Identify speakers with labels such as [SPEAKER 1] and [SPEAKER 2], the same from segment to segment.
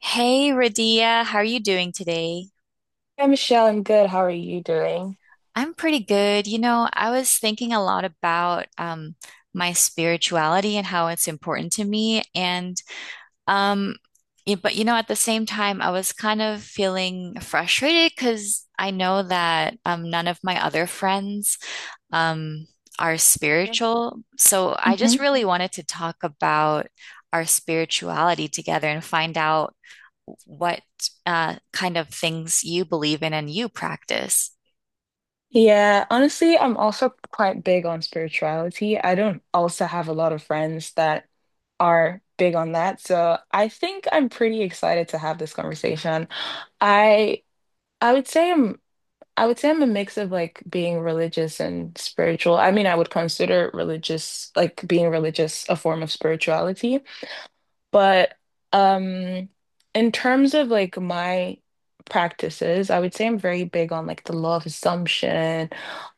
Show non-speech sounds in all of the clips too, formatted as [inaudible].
[SPEAKER 1] Hey, Radia, how are you doing today?
[SPEAKER 2] Hi, Michelle. I'm good. How are you doing?
[SPEAKER 1] I'm pretty good. You know, I was thinking a lot about my spirituality and how it's important to me. Um, yeah, but you know, at the same time, I was kind of feeling frustrated because I know that none of my other friends um, are spiritual. So I just
[SPEAKER 2] Mm-hmm.
[SPEAKER 1] really wanted to talk about our spirituality together and find out what kind of things you believe in and you practice.
[SPEAKER 2] Yeah, honestly, I'm also quite big on spirituality. I don't also have a lot of friends that are big on that, so I think I'm pretty excited to have this conversation. I I would say I'm I would say I'm a mix of like being religious and spiritual. I mean, I would consider religious, like being religious, a form of spirituality. But um in terms of like my practices, I would say I'm very big on like the law of assumption,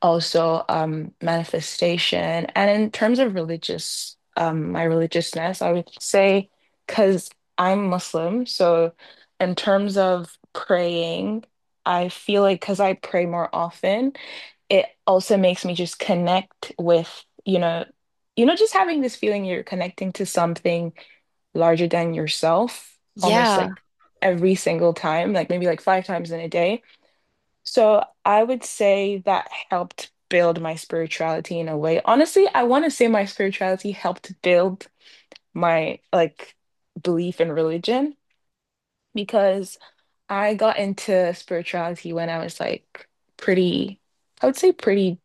[SPEAKER 2] also manifestation. And in terms of religious my religiousness, I would say because I'm Muslim, so in terms of praying, I feel like because I pray more often, it also makes me just connect with, just having this feeling you're connecting to something larger than yourself, almost
[SPEAKER 1] Yeah.
[SPEAKER 2] like every single time, like maybe like five times in a day. So I would say that helped build my spirituality in a way. Honestly, I want to say my spirituality helped build my like belief in religion because I got into spirituality when I was like pretty, I would say pretty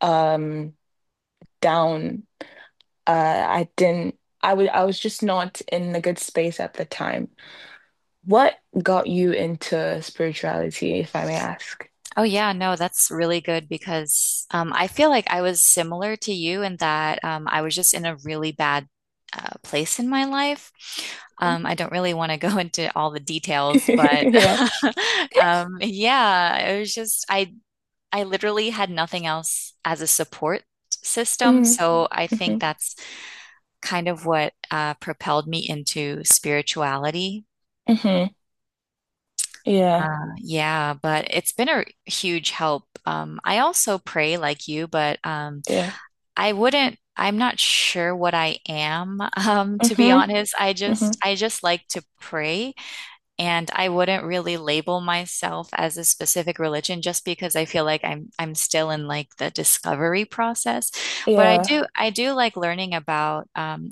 [SPEAKER 2] um down. I didn't I would I was just not in a good space at the time. What got you into spirituality, if I may ask? [laughs]
[SPEAKER 1] Oh, yeah. No, that's really good because I feel like I was similar to you in that I was just in a really bad place in my life. I don't really want to [laughs] go into all the details, but
[SPEAKER 2] Yeah.
[SPEAKER 1] [laughs] yeah, it was just, I literally had nothing else as a support system.
[SPEAKER 2] Mm,
[SPEAKER 1] So I think
[SPEAKER 2] hmm
[SPEAKER 1] that's kind of what propelled me into spirituality.
[SPEAKER 2] hmm. Yeah.
[SPEAKER 1] Yeah, but it's been a huge help. I also pray like you, but
[SPEAKER 2] Yeah.
[SPEAKER 1] I wouldn't, I'm not sure what I am, [laughs] to be
[SPEAKER 2] Hmm
[SPEAKER 1] honest.
[SPEAKER 2] hmm.
[SPEAKER 1] I just like to pray. And I wouldn't really label myself as a specific religion just because I feel like I'm still in like the discovery process. But
[SPEAKER 2] Yeah.
[SPEAKER 1] I do like learning about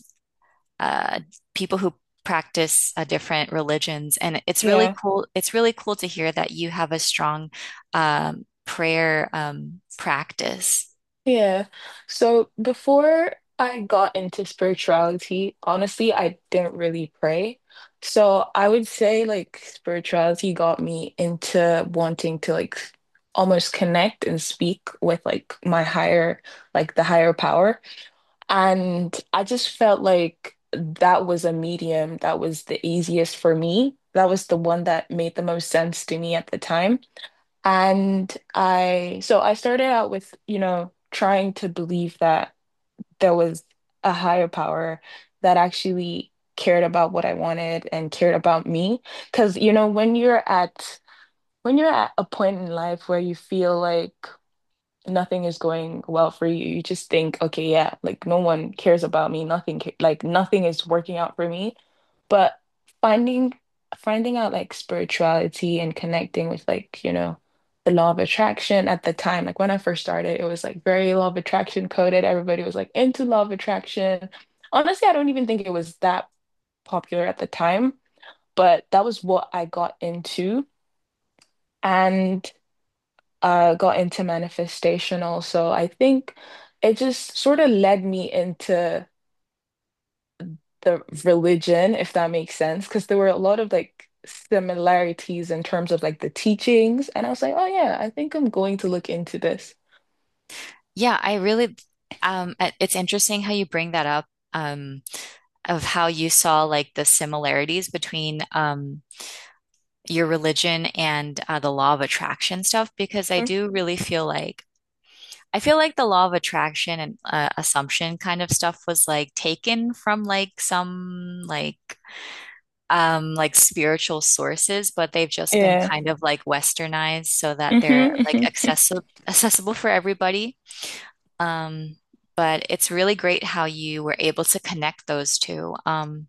[SPEAKER 1] uh, people who practice different religions, and it's really
[SPEAKER 2] Yeah.
[SPEAKER 1] cool. It's really cool to hear that you have a strong prayer practice.
[SPEAKER 2] Yeah. So before I got into spirituality, honestly, I didn't really pray. So I would say like spirituality got me into wanting to like almost connect and speak with like my higher, like the higher power. And I just felt like that was a medium that was the easiest for me. That was the one that made the most sense to me at the time. So I started out with, you know, trying to believe that there was a higher power that actually cared about what I wanted and cared about me. Because, you know, when you're at a point in life where you feel like nothing is going well for you. You just think, okay, yeah, like no one cares about me. Nothing, ca- like nothing is working out for me. But finding finding out like spirituality and connecting with, like, you know, the law of attraction at the time, like when I first started, it was like very law of attraction coded. Everybody was like into law of attraction. Honestly, I don't even think it was that popular at the time, but that was what I got into. And got into manifestation also. I think it just sort of led me into the religion, if that makes sense, because there were a lot of like similarities in terms of like the teachings. And I was like, oh yeah, I think I'm going to look into this.
[SPEAKER 1] Yeah, I really. It- it's interesting how you bring that up. Um, of how you saw like the similarities between your religion and the law of attraction stuff because I
[SPEAKER 2] Mm.
[SPEAKER 1] do really feel like I feel like the law of attraction and assumption kind of stuff was like taken from like some like spiritual sources, but they've just been
[SPEAKER 2] Yeah.
[SPEAKER 1] kind of like westernized so that
[SPEAKER 2] Mm-hmm,
[SPEAKER 1] they're like
[SPEAKER 2] mm-hmm,
[SPEAKER 1] accessible for everybody. Um, but it's really great how you were able to connect those two.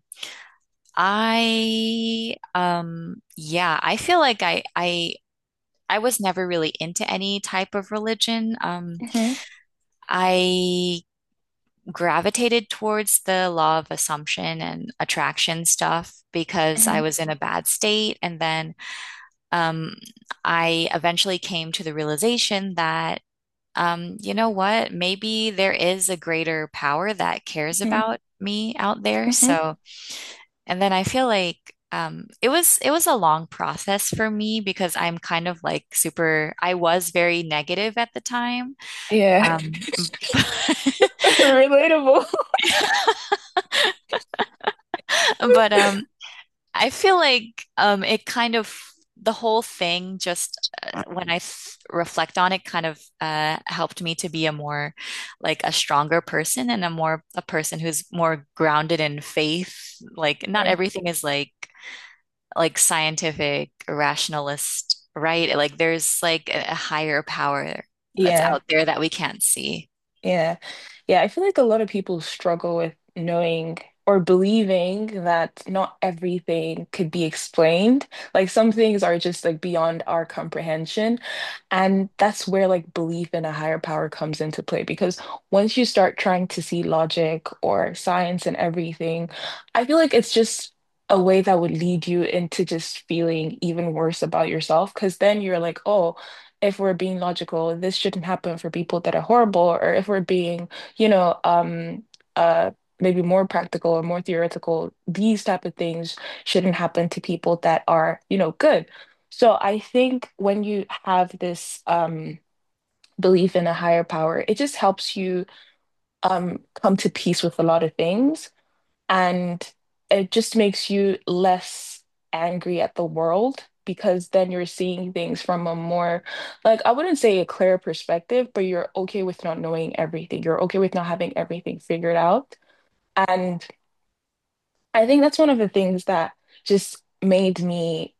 [SPEAKER 1] I yeah, I feel like I was never really into any type of religion.
[SPEAKER 2] mm-hmm,
[SPEAKER 1] I gravitated towards the law of assumption and attraction stuff because I
[SPEAKER 2] mm-hmm,
[SPEAKER 1] was in a bad state. And then um, I eventually came to the realization that, you know what, maybe there is a greater power that cares
[SPEAKER 2] mm-hmm.
[SPEAKER 1] about me out there.
[SPEAKER 2] Mm-hmm.
[SPEAKER 1] So and then I feel like it was a long process for me because I'm kind of like super, I was very negative at the time.
[SPEAKER 2] Yeah.
[SPEAKER 1] Um, [laughs]
[SPEAKER 2] [laughs] Relatable.
[SPEAKER 1] but I feel like it kind of the whole thing just when I th reflect on it kind of helped me to be a more like a stronger person and a more a person who's more grounded in faith. Like not
[SPEAKER 2] Mm.
[SPEAKER 1] everything is like scientific rationalist, right? Like there's like a higher power that's
[SPEAKER 2] Yeah.
[SPEAKER 1] out there that we can't see.
[SPEAKER 2] Yeah. Yeah, I feel like a lot of people struggle with knowing or believing that not everything could be explained. Like some things are just like beyond our comprehension. And that's where like belief in a higher power comes into play because once you start trying to see logic or science and everything, I feel like it's just a way that would lead you into just feeling even worse about yourself, because then you're like, oh, if we're being logical, this shouldn't happen for people that are horrible, or if we're being, you know, uh, maybe more practical or more theoretical, these type of things shouldn't happen to people that are, you know, good. So I think when you have this belief in a higher power, it just helps you come to peace with a lot of things. And it just makes you less angry at the world, because then you're seeing things from a more, like, I wouldn't say a clear perspective, but you're okay with not knowing everything. You're okay with not having everything figured out. And I think that's one of the things that just made me,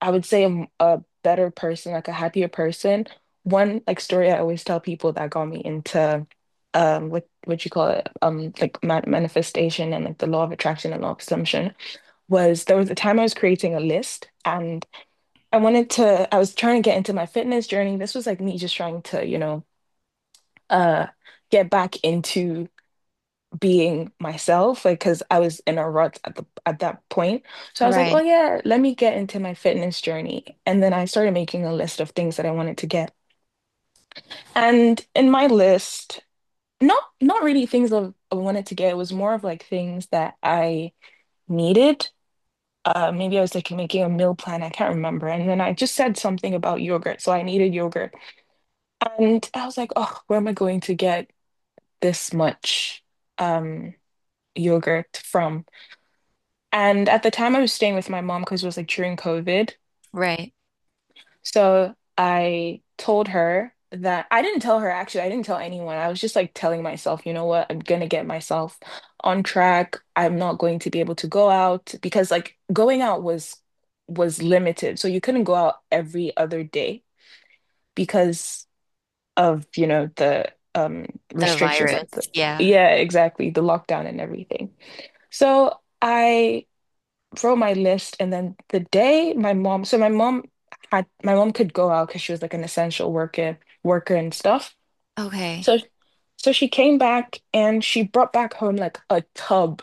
[SPEAKER 2] I would say, a better person, like a happier person. One like story I always tell people that got me into what you call it, like ma manifestation and like the law of attraction and law of assumption, was there was a time I was creating a list, and I was trying to get into my fitness journey. This was like me just trying to, you know, uh get back into being myself, like because I was in a rut at the at that point. So I was like, oh
[SPEAKER 1] Right,
[SPEAKER 2] yeah, let me get into my fitness journey. And then I started making a list of things that I wanted to get. And in my list, not really things that I wanted to get, it was more of like things that I needed. Maybe I was like making a meal plan. I can't remember. And then I just said something about yogurt. So I needed yogurt. And I was like, oh, where am I going to get this much um, yogurt from? And at the time I was staying with my mom, because it was like during COVID.
[SPEAKER 1] right.
[SPEAKER 2] So I didn't tell her, actually, I didn't tell anyone. I was just like telling myself, you know what, I'm gonna get myself on track. I'm not going to be able to go out because like going out was limited. So you couldn't go out every other day because of, you know, the
[SPEAKER 1] The
[SPEAKER 2] restrictions, like, the
[SPEAKER 1] virus. Yeah.
[SPEAKER 2] yeah, exactly, the lockdown and everything. So I wrote my list, and then the day my mom so my mom had my mom could go out because she was like an essential worker and stuff,
[SPEAKER 1] Okay.
[SPEAKER 2] so so she came back, and she brought back home like a tub,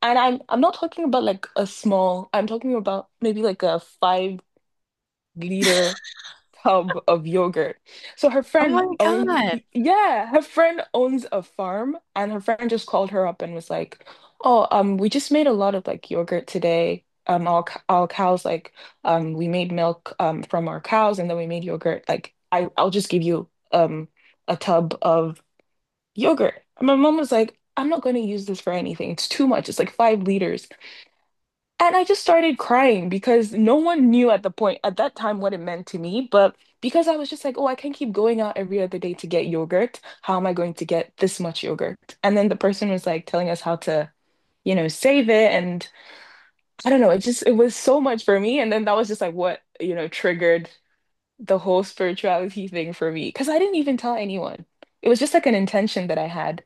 [SPEAKER 2] and I'm not talking about like a small, I'm talking about maybe like a 5-liter tub of yogurt. So her
[SPEAKER 1] Oh
[SPEAKER 2] friend
[SPEAKER 1] my
[SPEAKER 2] own
[SPEAKER 1] God.
[SPEAKER 2] yeah, her friend owns a farm, and her friend just called her up and was like, "Oh, we just made a lot of like yogurt today. All cows, like, we made milk from our cows, and then we made yogurt. Like, I'll just give you a tub of yogurt." And my mom was like, "I'm not going to use this for anything. It's too much. It's like 5 liters." And I just started crying, because no one knew at the point at that time what it meant to me. But because I was just like, oh, I can't keep going out every other day to get yogurt. How am I going to get this much yogurt? And then the person was like telling us how to, you know, save it. And I don't know, it was so much for me. And then that was just like what, you know, triggered the whole spirituality thing for me. Because I didn't even tell anyone. It was just like an intention that I had.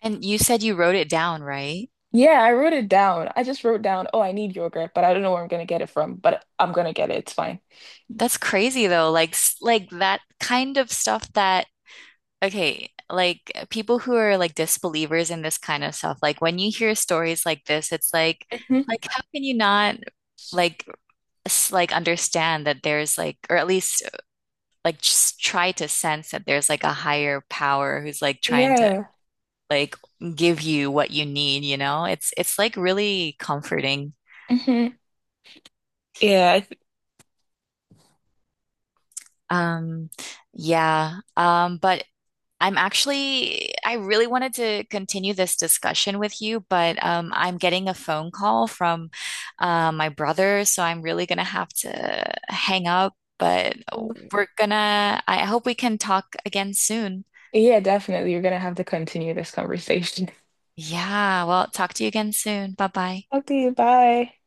[SPEAKER 1] And you said you wrote it down, right?
[SPEAKER 2] Yeah, I wrote it down. I just wrote down, oh, I need yogurt, but I don't know where I'm gonna get it from, but I'm gonna get it. It's fine.
[SPEAKER 1] That's crazy though. Like s- like that kind of stuff that okay, like people who are like disbelievers in this kind of stuff, like when you hear stories like this, it's like how can you not like s- like understand that there's like, or at least like just try to sense that there's like a higher power who's like trying to
[SPEAKER 2] Yeah.
[SPEAKER 1] like give you what you need, you know? It's like really comforting.
[SPEAKER 2] Hmm. Yeah.
[SPEAKER 1] Um, yeah. But I'm actually, I really wanted to continue this discussion with you, but I'm getting a phone call from my brother, so I'm really gonna have to hang up. But we're gonna, I hope we can talk again soon.
[SPEAKER 2] Yeah, definitely. You're gonna have to continue this conversation. [laughs]
[SPEAKER 1] Yeah, well, talk to you again soon. Bye bye.
[SPEAKER 2] Okay, bye.